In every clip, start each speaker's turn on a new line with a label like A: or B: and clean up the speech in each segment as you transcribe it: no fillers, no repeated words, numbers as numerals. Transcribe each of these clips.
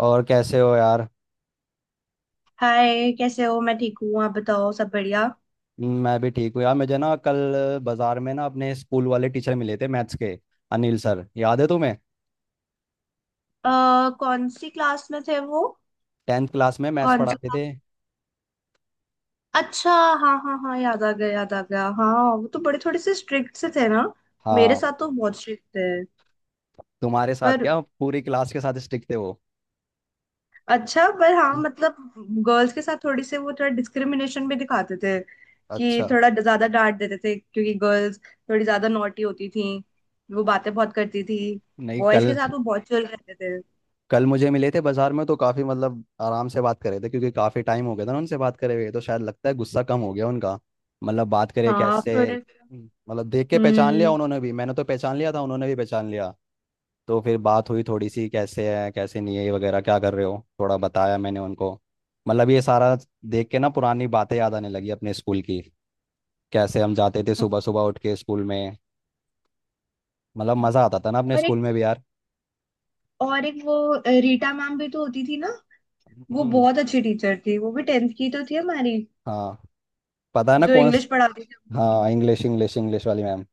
A: और कैसे हो यार।
B: हाय, कैसे हो? मैं ठीक हूँ। आप बताओ, सब बढ़िया?
A: मैं भी ठीक हूँ यार। मुझे ना कल बाजार में ना अपने स्कूल वाले टीचर मिले थे मैथ्स के। अनिल सर याद है तुम्हें?
B: अ कौन सी क्लास में थे वो?
A: टेंथ क्लास में मैथ्स
B: कौन सी
A: पढ़ाते थे।
B: क्लास अच्छा, हाँ हाँ हाँ, याद आ गया, याद आ गया। हाँ, वो तो बड़े थोड़े से स्ट्रिक्ट से थे ना। मेरे
A: हाँ।
B: साथ तो बहुत स्ट्रिक्ट थे।
A: तुम्हारे साथ
B: पर
A: क्या पूरी क्लास के साथ स्टिक थे वो?
B: अच्छा, पर हाँ,
A: हम्म,
B: मतलब, गर्ल्स के साथ थोड़ी से वो थोड़ा डिस्क्रिमिनेशन भी दिखाते थे।
A: अच्छा।
B: कि थोड़ा ज्यादा डांट देते थे, क्योंकि गर्ल्स थोड़ी ज्यादा नॉटी होती थी। वो बातें बहुत करती थी।
A: नहीं
B: बॉयज के
A: कल,
B: साथ वो बहुत चिल रहते थे।
A: कल मुझे मिले थे बाजार में तो काफ़ी मतलब आराम से बात कर रहे थे क्योंकि काफ़ी टाइम हो गया था ना उनसे बात करे हुए, तो शायद लगता है गुस्सा कम हो गया उनका। मतलब बात करे
B: हाँ,
A: कैसे,
B: थोड़े।
A: मतलब देख के पहचान लिया,
B: हम्म।
A: उन्होंने भी, मैंने तो पहचान लिया था, उन्होंने भी पहचान लिया। तो फिर बात हुई थोड़ी सी, कैसे है कैसे नहीं है ये वगैरह, क्या कर रहे हो, थोड़ा बताया मैंने उनको। मतलब ये सारा देख के ना पुरानी बातें याद आने लगी अपने स्कूल की, कैसे हम जाते थे सुबह
B: हाँ।
A: सुबह उठ के स्कूल में। मतलब मज़ा आता था ना अपने
B: और
A: स्कूल
B: एक,
A: में भी यार।
B: रीटा मैम भी तो होती थी ना। वो
A: हम्म,
B: बहुत अच्छी टीचर थी। वो भी टेंथ की तो थी हमारी।
A: हाँ। पता है ना
B: जो
A: कौन
B: इंग्लिश
A: स-,
B: पढ़ाती थी।
A: हाँ इंग्लिश, इंग्लिश, इंग्लिश वाली मैम।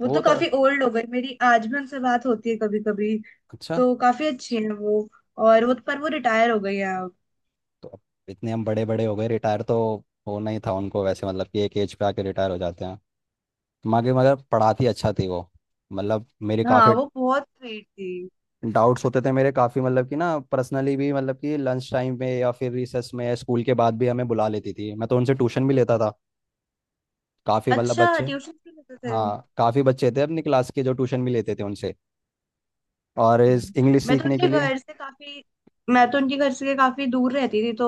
B: वो
A: वो
B: तो
A: तो
B: काफी ओल्ड हो गई मेरी। आज भी उनसे बात होती है कभी कभी।
A: अच्छा।
B: तो काफी अच्छी है वो। पर वो रिटायर हो गई है अब।
A: तो अब इतने हम बड़े बड़े हो गए, रिटायर तो होना ही था उनको। वैसे मतलब कि एक एज पे आके रिटायर हो जाते हैं। मगर मगर पढ़ाती अच्छा थी वो। मतलब मेरी
B: हाँ,
A: काफ़ी
B: वो बहुत स्वीट थी।
A: डाउट्स होते थे मेरे, काफ़ी मतलब कि ना पर्सनली भी, मतलब कि लंच टाइम में या फिर रिसेस में या स्कूल के बाद भी हमें बुला लेती थी। मैं तो उनसे ट्यूशन भी लेता था। काफ़ी मतलब
B: अच्छा,
A: बच्चे,
B: ट्यूशन भी लेते थे।
A: हाँ काफ़ी बच्चे थे अपनी क्लास के जो ट्यूशन भी लेते थे उनसे, और इस
B: हम्म।
A: इंग्लिश
B: मैं तो
A: सीखने के
B: उनके
A: लिए।
B: घर से काफी मैं तो उनके घर से काफी दूर रहती थी। तो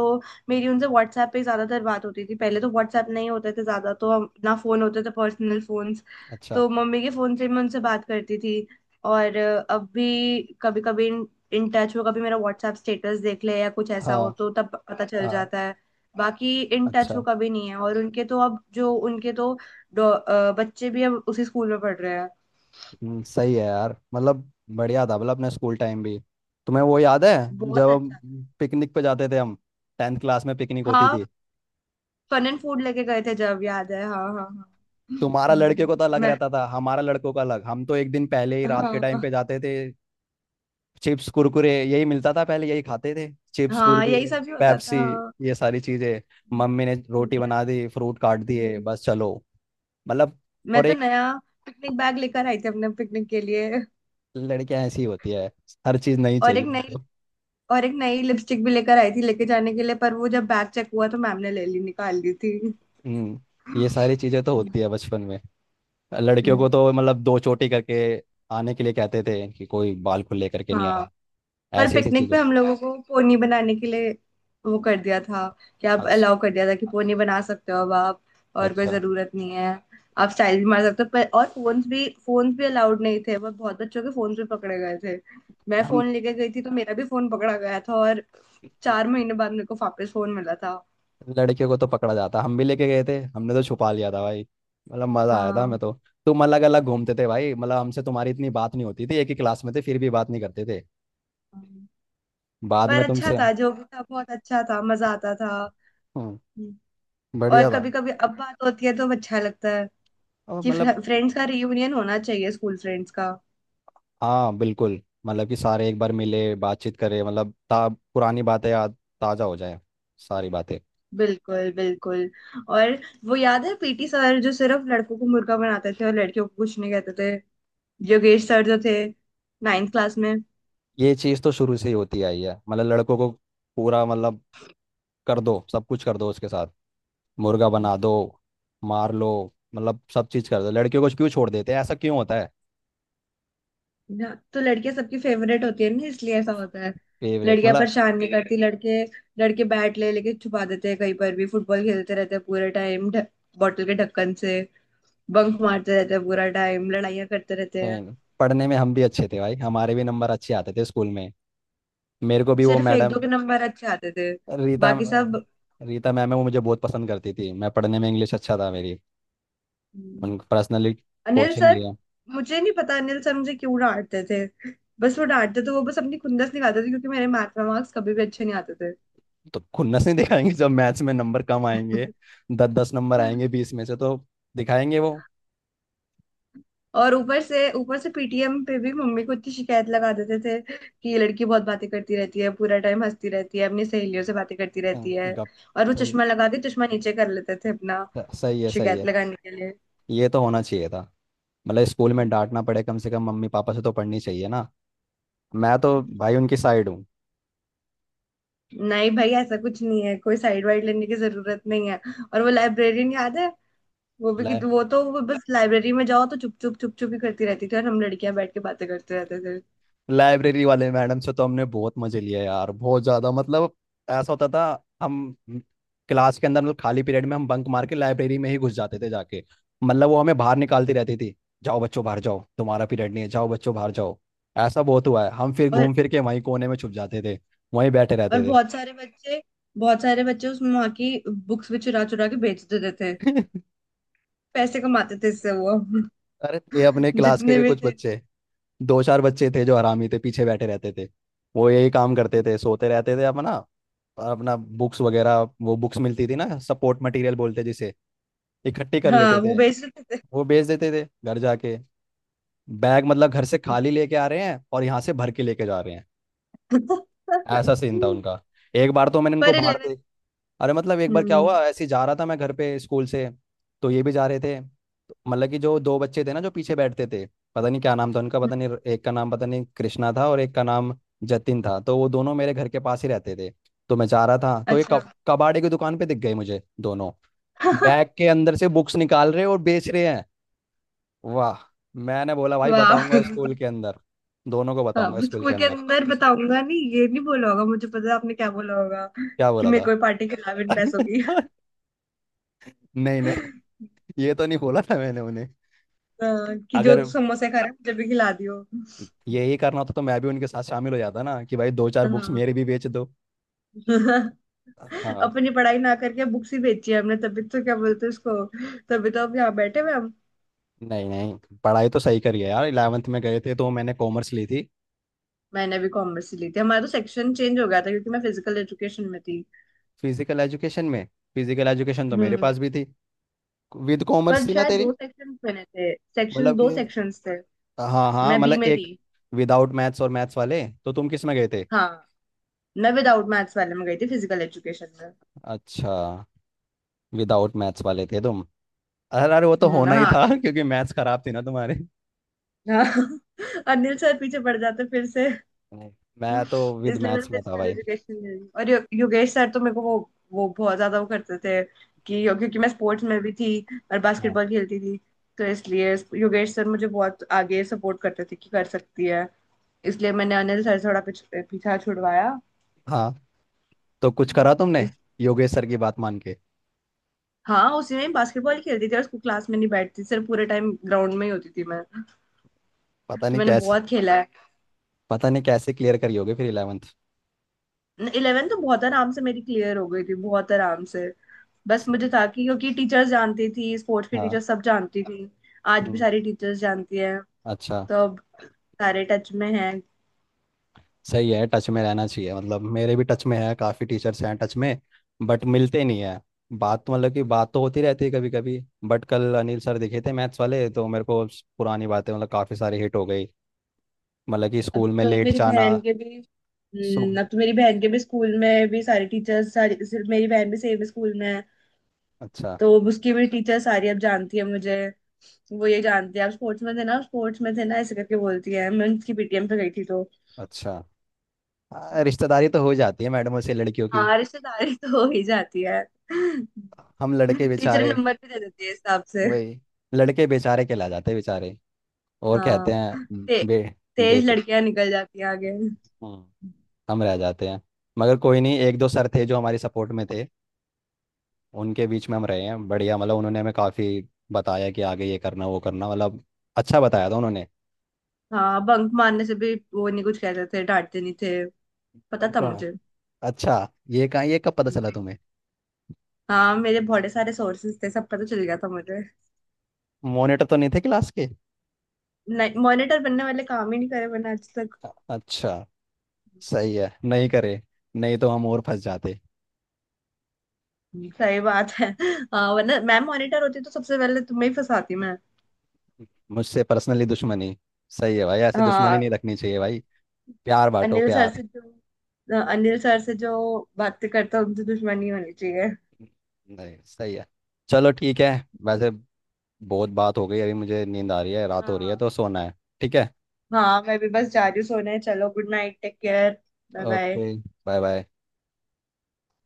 B: मेरी उनसे व्हाट्सएप पे ही ज्यादातर बात होती थी। पहले तो व्हाट्सएप नहीं होते थे ज्यादा। ना, फोन होते थे पर्सनल फोन्स।
A: अच्छा।
B: तो मम्मी के फोन से मैं उनसे बात करती थी। और अब भी कभी कभी इन टच हो। कभी मेरा व्हाट्सएप स्टेटस देख ले या कुछ ऐसा
A: हाँ
B: हो तो तब पता चल
A: हाँ।
B: जाता है। बाकी इन टच हो
A: अच्छा।
B: कभी नहीं है। उनके तो बच्चे भी अब उसी स्कूल में पढ़ रहे हैं।
A: सही है यार। मतलब बढ़िया था मतलब अपना स्कूल टाइम भी। तुम्हें वो याद है
B: बहुत
A: जब हम
B: अच्छा।
A: पिकनिक पे जाते थे? हम टेंथ क्लास में पिकनिक होती
B: हाँ,
A: थी।
B: फन एंड फूड लेके गए थे जब। याद है, हाँ हाँ हाँ।
A: तुम्हारा लड़के को तो अलग
B: मैं।
A: रहता था, हमारा लड़कों का अलग। हम तो एक दिन पहले ही रात के टाइम
B: हाँ
A: पे जाते थे। चिप्स कुरकुरे यही मिलता था पहले, यही खाते थे, चिप्स
B: हाँ, यही
A: कुरकुरे,
B: सब ही होता था।
A: पेप्सी,
B: हाँ,
A: ये सारी चीजें। मम्मी ने रोटी बना दी, फ्रूट काट दिए,
B: हम्म,
A: बस चलो। मतलब
B: मैं
A: और
B: तो
A: एक,
B: नया पिकनिक बैग लेकर आई थी अपने पिकनिक के लिए।
A: लड़कियां ऐसी होती है, हर चीज नहीं
B: और एक
A: चाहिए
B: नई
A: उनको।
B: और एक नई लिपस्टिक भी लेकर आई थी लेके जाने के लिए। पर वो जब बैग चेक हुआ तो मैम ने ले ली, निकाल ली थी।
A: हम्म। ये सारी चीजें तो होती है बचपन में। लड़कियों को
B: हम्म,
A: तो मतलब दो चोटी करके आने के लिए कहते थे कि कोई बाल खुले करके नहीं आए।
B: हाँ। पर
A: ऐसी ऐसी
B: पिकनिक
A: चीजें।
B: पे हम लोगों को पोनी बनाने के लिए वो कर दिया था। कि आप
A: अच्छा।
B: अलाउ कर दिया था, कि पोनी बना सकते हो अब आप। और कोई
A: अच्छा।
B: जरूरत नहीं है। आप स्टाइल भी मार सकते हो पर। और फोन्स भी अलाउड नहीं थे। वो बहुत बच्चों के फोन भी पकड़े गए थे। मैं
A: हम
B: फोन लेके गई थी तो मेरा भी फोन पकड़ा गया था। और 4 महीने बाद मेरे को वापस फोन मिला था।
A: लड़के को तो पकड़ा जाता, हम भी लेके गए थे, हमने तो छुपा लिया था भाई। मतलब मजा आया था
B: हाँ,
A: हमें तो। तुम अलग अलग घूमते थे भाई, मतलब हमसे तुम्हारी इतनी बात नहीं होती थी, एक ही क्लास में थे फिर भी बात नहीं करते थे। बाद
B: पर
A: में
B: अच्छा
A: तुमसे।
B: था जो भी था। बहुत अच्छा था, मजा आता था।
A: हम्म,
B: हम्म। और
A: बढ़िया
B: कभी
A: था।
B: कभी अब बात होती है तो अच्छा लगता है,
A: और
B: कि
A: मतलब,
B: फ्रेंड्स का रियूनियन होना चाहिए, स्कूल फ्रेंड्स का।
A: हाँ बिल्कुल, मतलब कि सारे एक बार मिले, बातचीत करें, मतलब ता पुरानी बातें याद ताज़ा हो जाए, सारी बातें।
B: बिल्कुल, बिल्कुल। और वो याद है पीटी सर, जो सिर्फ लड़कों को मुर्गा बनाते थे और लड़कियों को कुछ नहीं कहते थे। योगेश सर जो थे नाइन्थ क्लास में।
A: ये चीज़ तो शुरू से ही होती आई है मतलब लड़कों को, पूरा मतलब कर दो सब कुछ, कर दो उसके साथ, मुर्गा बना दो, मार लो, मतलब सब चीज कर दो। लड़कियों को क्यों छोड़ देते हैं, ऐसा क्यों होता है?
B: ना, तो लड़कियां सबकी फेवरेट होती है ना, इसलिए ऐसा होता है।
A: फेवरेट
B: लड़कियां
A: मतलब?
B: परेशान नहीं करती। लड़के, लड़के बैट ले लेके छुपा देते हैं कहीं पर भी। फुटबॉल खेलते रहते हैं पूरे टाइम। बॉटल के ढक्कन से बंक मारते रहते हैं पूरा टाइम। लड़ाइयां करते रहते
A: कहीं
B: हैं।
A: नहीं। पढ़ने में हम भी अच्छे थे भाई, हमारे भी नंबर अच्छे आते थे स्कूल में। मेरे को भी वो
B: सिर्फ एक
A: मैडम,
B: दो के नंबर अच्छे आते थे,
A: रीता,
B: बाकी सब।
A: रीता मैम है, वो मुझे बहुत पसंद करती थी। मैं पढ़ने में इंग्लिश अच्छा था मेरी। उन पर्सनली
B: अनिल
A: कोचिंग
B: सर,
A: लिया।
B: मुझे नहीं पता अनिल सर मुझे क्यों डांटते थे। बस वो डांटते थे। वो बस अपनी खुंदस निकालते थे, क्योंकि मेरे मैथ में मार्क्स कभी भी अच्छे नहीं आते थे।
A: तो खुन्नस नहीं दिखाएंगे जब मैथ्स में नंबर कम आएंगे, दस दस नंबर आएंगे बीस में से तो दिखाएंगे वो।
B: और ऊपर से पीटीएम पे भी मम्मी को इतनी शिकायत लगा देते थे कि ये लड़की बहुत बातें करती रहती है पूरा टाइम, हंसती रहती है, अपनी सहेलियों से बातें करती
A: हाँ,
B: रहती है।
A: गप।
B: और वो
A: सही,
B: चश्मा लगा के, चश्मा नीचे कर लेते थे अपना,
A: सही है, सही
B: शिकायत
A: है।
B: लगाने के लिए।
A: ये तो होना चाहिए था मतलब, स्कूल में डांटना पड़े कम से कम मम्मी पापा से तो पढ़नी चाहिए ना। मैं तो भाई उनकी साइड हूँ।
B: नहीं भाई, ऐसा कुछ नहीं है। कोई साइड वाइड लेने की जरूरत नहीं है। और वो लाइब्रेरियन याद है? वो भी
A: लाइ
B: कि वो तो वो बस, लाइब्रेरी में जाओ तो चुप चुप चुप चुप ही करती रहती थी। और हम लड़कियां बैठ के बातें करते रहते थे।
A: लाइब्रेरी वाले मैडम से तो हमने बहुत मजे लिए यार, बहुत ज्यादा मतलब। ऐसा होता था, हम क्लास के अंदर मतलब खाली पीरियड में हम बंक मार के लाइब्रेरी में ही घुस जाते थे जाके। मतलब वो हमें बाहर निकालती रहती थी, जाओ बच्चों बाहर जाओ तुम्हारा पीरियड नहीं है, जाओ बच्चों बाहर जाओ। ऐसा बहुत हुआ है, हम फिर
B: और
A: घूम फिर के वहीं कोने में छुप जाते थे, वहीं बैठे रहते थे।
B: बहुत सारे बच्चे, उसमें वहां की बुक्स भी चुरा चुरा के बेच देते थे। पैसे कमाते थे इससे वो।
A: अरे ये अपने क्लास के
B: जितने
A: भी
B: भी
A: कुछ
B: थे।
A: बच्चे, दो चार बच्चे थे जो हरामी थे, पीछे बैठे रहते थे। वो यही काम करते थे, सोते रहते थे अपना, और अपना बुक्स वगैरह, वो बुक्स मिलती थी ना सपोर्ट मटेरियल बोलते जिसे, इकट्ठी कर लेते
B: हाँ, वो
A: थे,
B: बेच देते थे।
A: वो बेच देते थे घर जाके। बैग मतलब घर से खाली लेके आ रहे हैं और यहाँ से भर के लेके जा रहे हैं, ऐसा सीन था उनका। एक बार तो मैंने इनको
B: पर
A: बाहर
B: इलेवन।
A: देख, अरे मतलब एक बार क्या
B: हम्म।
A: हुआ, ऐसे ही जा रहा था मैं घर पे स्कूल से, तो ये भी जा रहे थे तो मतलब कि जो दो बच्चे थे ना जो पीछे बैठते थे, पता नहीं क्या नाम था उनका, पता नहीं एक का नाम, पता नहीं कृष्णा था और एक का नाम जतिन था, तो वो दोनों मेरे घर के पास ही रहते थे। तो मैं जा रहा था तो एक
B: अच्छा।
A: कबाड़े की दुकान पे दिख गए मुझे दोनों, बैग के अंदर से बुक्स निकाल रहे और बेच रहे हैं। वाह। मैंने बोला भाई
B: वाह।
A: बताऊंगा स्कूल के अंदर, दोनों को
B: हाँ,
A: बताऊंगा
B: वो
A: स्कूल
B: स्कूल
A: के
B: के
A: अंदर।
B: अंदर बताऊंगा नहीं, ये नहीं बोला होगा। मुझे पता है आपने क्या बोला होगा।
A: क्या
B: कि
A: बोला
B: मेरे
A: था?
B: को पार्टी के अलावा पैसों की।
A: नहीं नहीं, ये तो नहीं बोला था मैंने उन्हें।
B: हाँ, कि जो
A: अगर
B: समोसे खा रहा है मुझे भी खिला दियो।
A: यही करना होता तो मैं भी उनके साथ शामिल हो जाता ना कि भाई दो चार बुक्स
B: हाँ।
A: मेरे भी बेच दो। हाँ।
B: अपनी पढ़ाई ना करके बुक्स ही बेची है हमने, तभी तो क्या बोलते हैं उसको। तभी तो अब यहाँ बैठे हुए हम।
A: नहीं नहीं, पढ़ाई तो सही करी है यार। इलेवेंथ में गए थे तो मैंने कॉमर्स ली थी।
B: मैंने भी कॉमर्स ही ली थी। हमारा तो सेक्शन चेंज हो गया था, क्योंकि मैं फिजिकल एजुकेशन में थी।
A: फिजिकल एजुकेशन में? फिजिकल एजुकेशन तो मेरे
B: हम्म।
A: पास भी थी। विद कॉमर्स
B: पर
A: थी ना
B: शायद
A: तेरी?
B: दो सेक्शन बने थे। सेक्शन
A: मतलब
B: दो
A: कि
B: सेक्शंस थे।
A: हाँ हाँ,
B: मैं बी
A: मतलब
B: में
A: एक
B: थी।
A: विदाउट मैथ्स और मैथ्स वाले, तो तुम किस में गए थे?
B: हाँ। मैं विदाउट मैथ्स वाले में गई थी, फिजिकल एजुकेशन में।
A: अच्छा, विदाउट मैथ्स वाले थे तुम। अरे अरे वो तो होना ही
B: हाँ,
A: था क्योंकि मैथ्स खराब थी ना तुम्हारे।
B: हाँ। अनिल सर पीछे पड़ जाते फिर से।
A: नहीं। मैं तो विद
B: इसलिए मैंने
A: मैथ्स में था
B: फिजिकल
A: भाई।
B: एजुकेशन ले ली। और योगेश सर तो मेरे को वो बहुत ज्यादा वो करते थे, कि क्योंकि मैं स्पोर्ट्स में भी थी और
A: हाँ
B: बास्केटबॉल खेलती थी। तो इसलिए योगेश सर मुझे बहुत आगे सपोर्ट करते थे कि कर सकती है। इसलिए मैंने अनिल सर से थोड़ा पीछा छुड़वाया।
A: हाँ। तो कुछ करा तुमने
B: इस,
A: योगेश सर की बात मान के?
B: हाँ, उसी में बास्केटबॉल खेलती थी। और उसको क्लास में नहीं बैठती, सिर्फ पूरे टाइम ग्राउंड में ही होती थी मैं।
A: पता
B: तो
A: नहीं
B: मैंने
A: कैसे,
B: बहुत खेला है।
A: पता नहीं कैसे क्लियर करी होगी फिर इलेवेंथ।
B: इलेवन तो बहुत आराम से मेरी क्लियर हो गई थी, बहुत आराम से। बस मुझे था कि, क्योंकि टीचर्स जानती थी, स्पोर्ट्स की टीचर
A: हाँ।
B: सब जानती थी। आज भी
A: हम्म।
B: सारी टीचर्स जानती हैं।
A: अच्छा।
B: तो अब सारे टच में हैं।
A: सही है, टच में रहना चाहिए। मतलब मेरे भी टच में है, काफ़ी टीचर्स हैं टच में, बट मिलते नहीं है। बात तो मतलब कि बात तो होती रहती है कभी कभी। बट कल अनिल सर दिखे थे मैथ्स वाले तो मेरे को स- पुरानी बातें मतलब काफ़ी सारी हिट हो गई, मतलब कि स्कूल में लेट जाना। सो
B: अब तो मेरी बहन के भी स्कूल में भी सारी टीचर्स सारी, सिर्फ मेरी बहन भी सेम स्कूल में है।
A: अच्छा।
B: तो अब उसकी भी टीचर सारी अब जानती है मुझे। वो ये जानती है, आप स्पोर्ट्स में थे ना, स्पोर्ट्स में थे ना, ऐसे करके बोलती है। मैं उसकी पीटीएम पे गई थी तो।
A: अच्छा। हाँ, रिश्तेदारी तो हो जाती है मैडमों से लड़कियों की।
B: हाँ, रिश्तेदारी तो हो ही जाती है।
A: हम लड़के
B: टीचर
A: बेचारे।
B: नंबर भी दे देती है इस हिसाब से।
A: वही, लड़के बेचारे के ला जाते हैं बेचारे, और कहते
B: हाँ,
A: हैं
B: ते,
A: बे,
B: तेज
A: बेटे।
B: लड़कियां निकल जाती हैं आगे।
A: हम्म, हम रह जाते हैं। मगर कोई नहीं, एक दो सर थे जो हमारी सपोर्ट में थे, उनके बीच में हम रहे हैं, बढ़िया मतलब उन्होंने हमें काफ़ी बताया कि आगे ये करना वो करना, मतलब अच्छा बताया था उन्होंने।
B: हाँ, बंक मारने से भी वो नहीं कुछ कहते थे। डांटते नहीं थे। पता
A: हम
B: था
A: कहाँ,
B: मुझे।
A: अच्छा, ये कहाँ ये कब पता चला तुम्हें?
B: हाँ, मेरे बहुत सारे सोर्सेस थे, सब पता चल गया था मुझे।
A: मॉनिटर तो नहीं थे क्लास के?
B: नहीं, मॉनिटर बनने वाले काम ही नहीं करे मैंने आज तक।
A: अच्छा, सही है नहीं करे, नहीं तो हम और फंस जाते।
B: सही बात है। हाँ, वरना मैम मॉनिटर होती तो सबसे पहले तुम्हें ही फंसाती मैं।
A: मुझसे पर्सनली दुश्मनी? सही है भाई, ऐसे दुश्मनी
B: हाँ
A: नहीं रखनी चाहिए भाई, प्यार बांटो
B: अनिल सर
A: प्यार।
B: से जो हाँ, अनिल सर से जो बातें करता उनसे दुश्मनी होनी चाहिए।
A: नहीं सही है। चलो ठीक है। वैसे बहुत बात हो गई, अभी मुझे नींद आ रही है, रात हो रही है तो
B: हाँ।
A: सोना है। ठीक है।
B: हाँ, मैं भी बस जा रही हूँ सोने। चलो, good night, take care. Bye bye.
A: Okay, bye bye.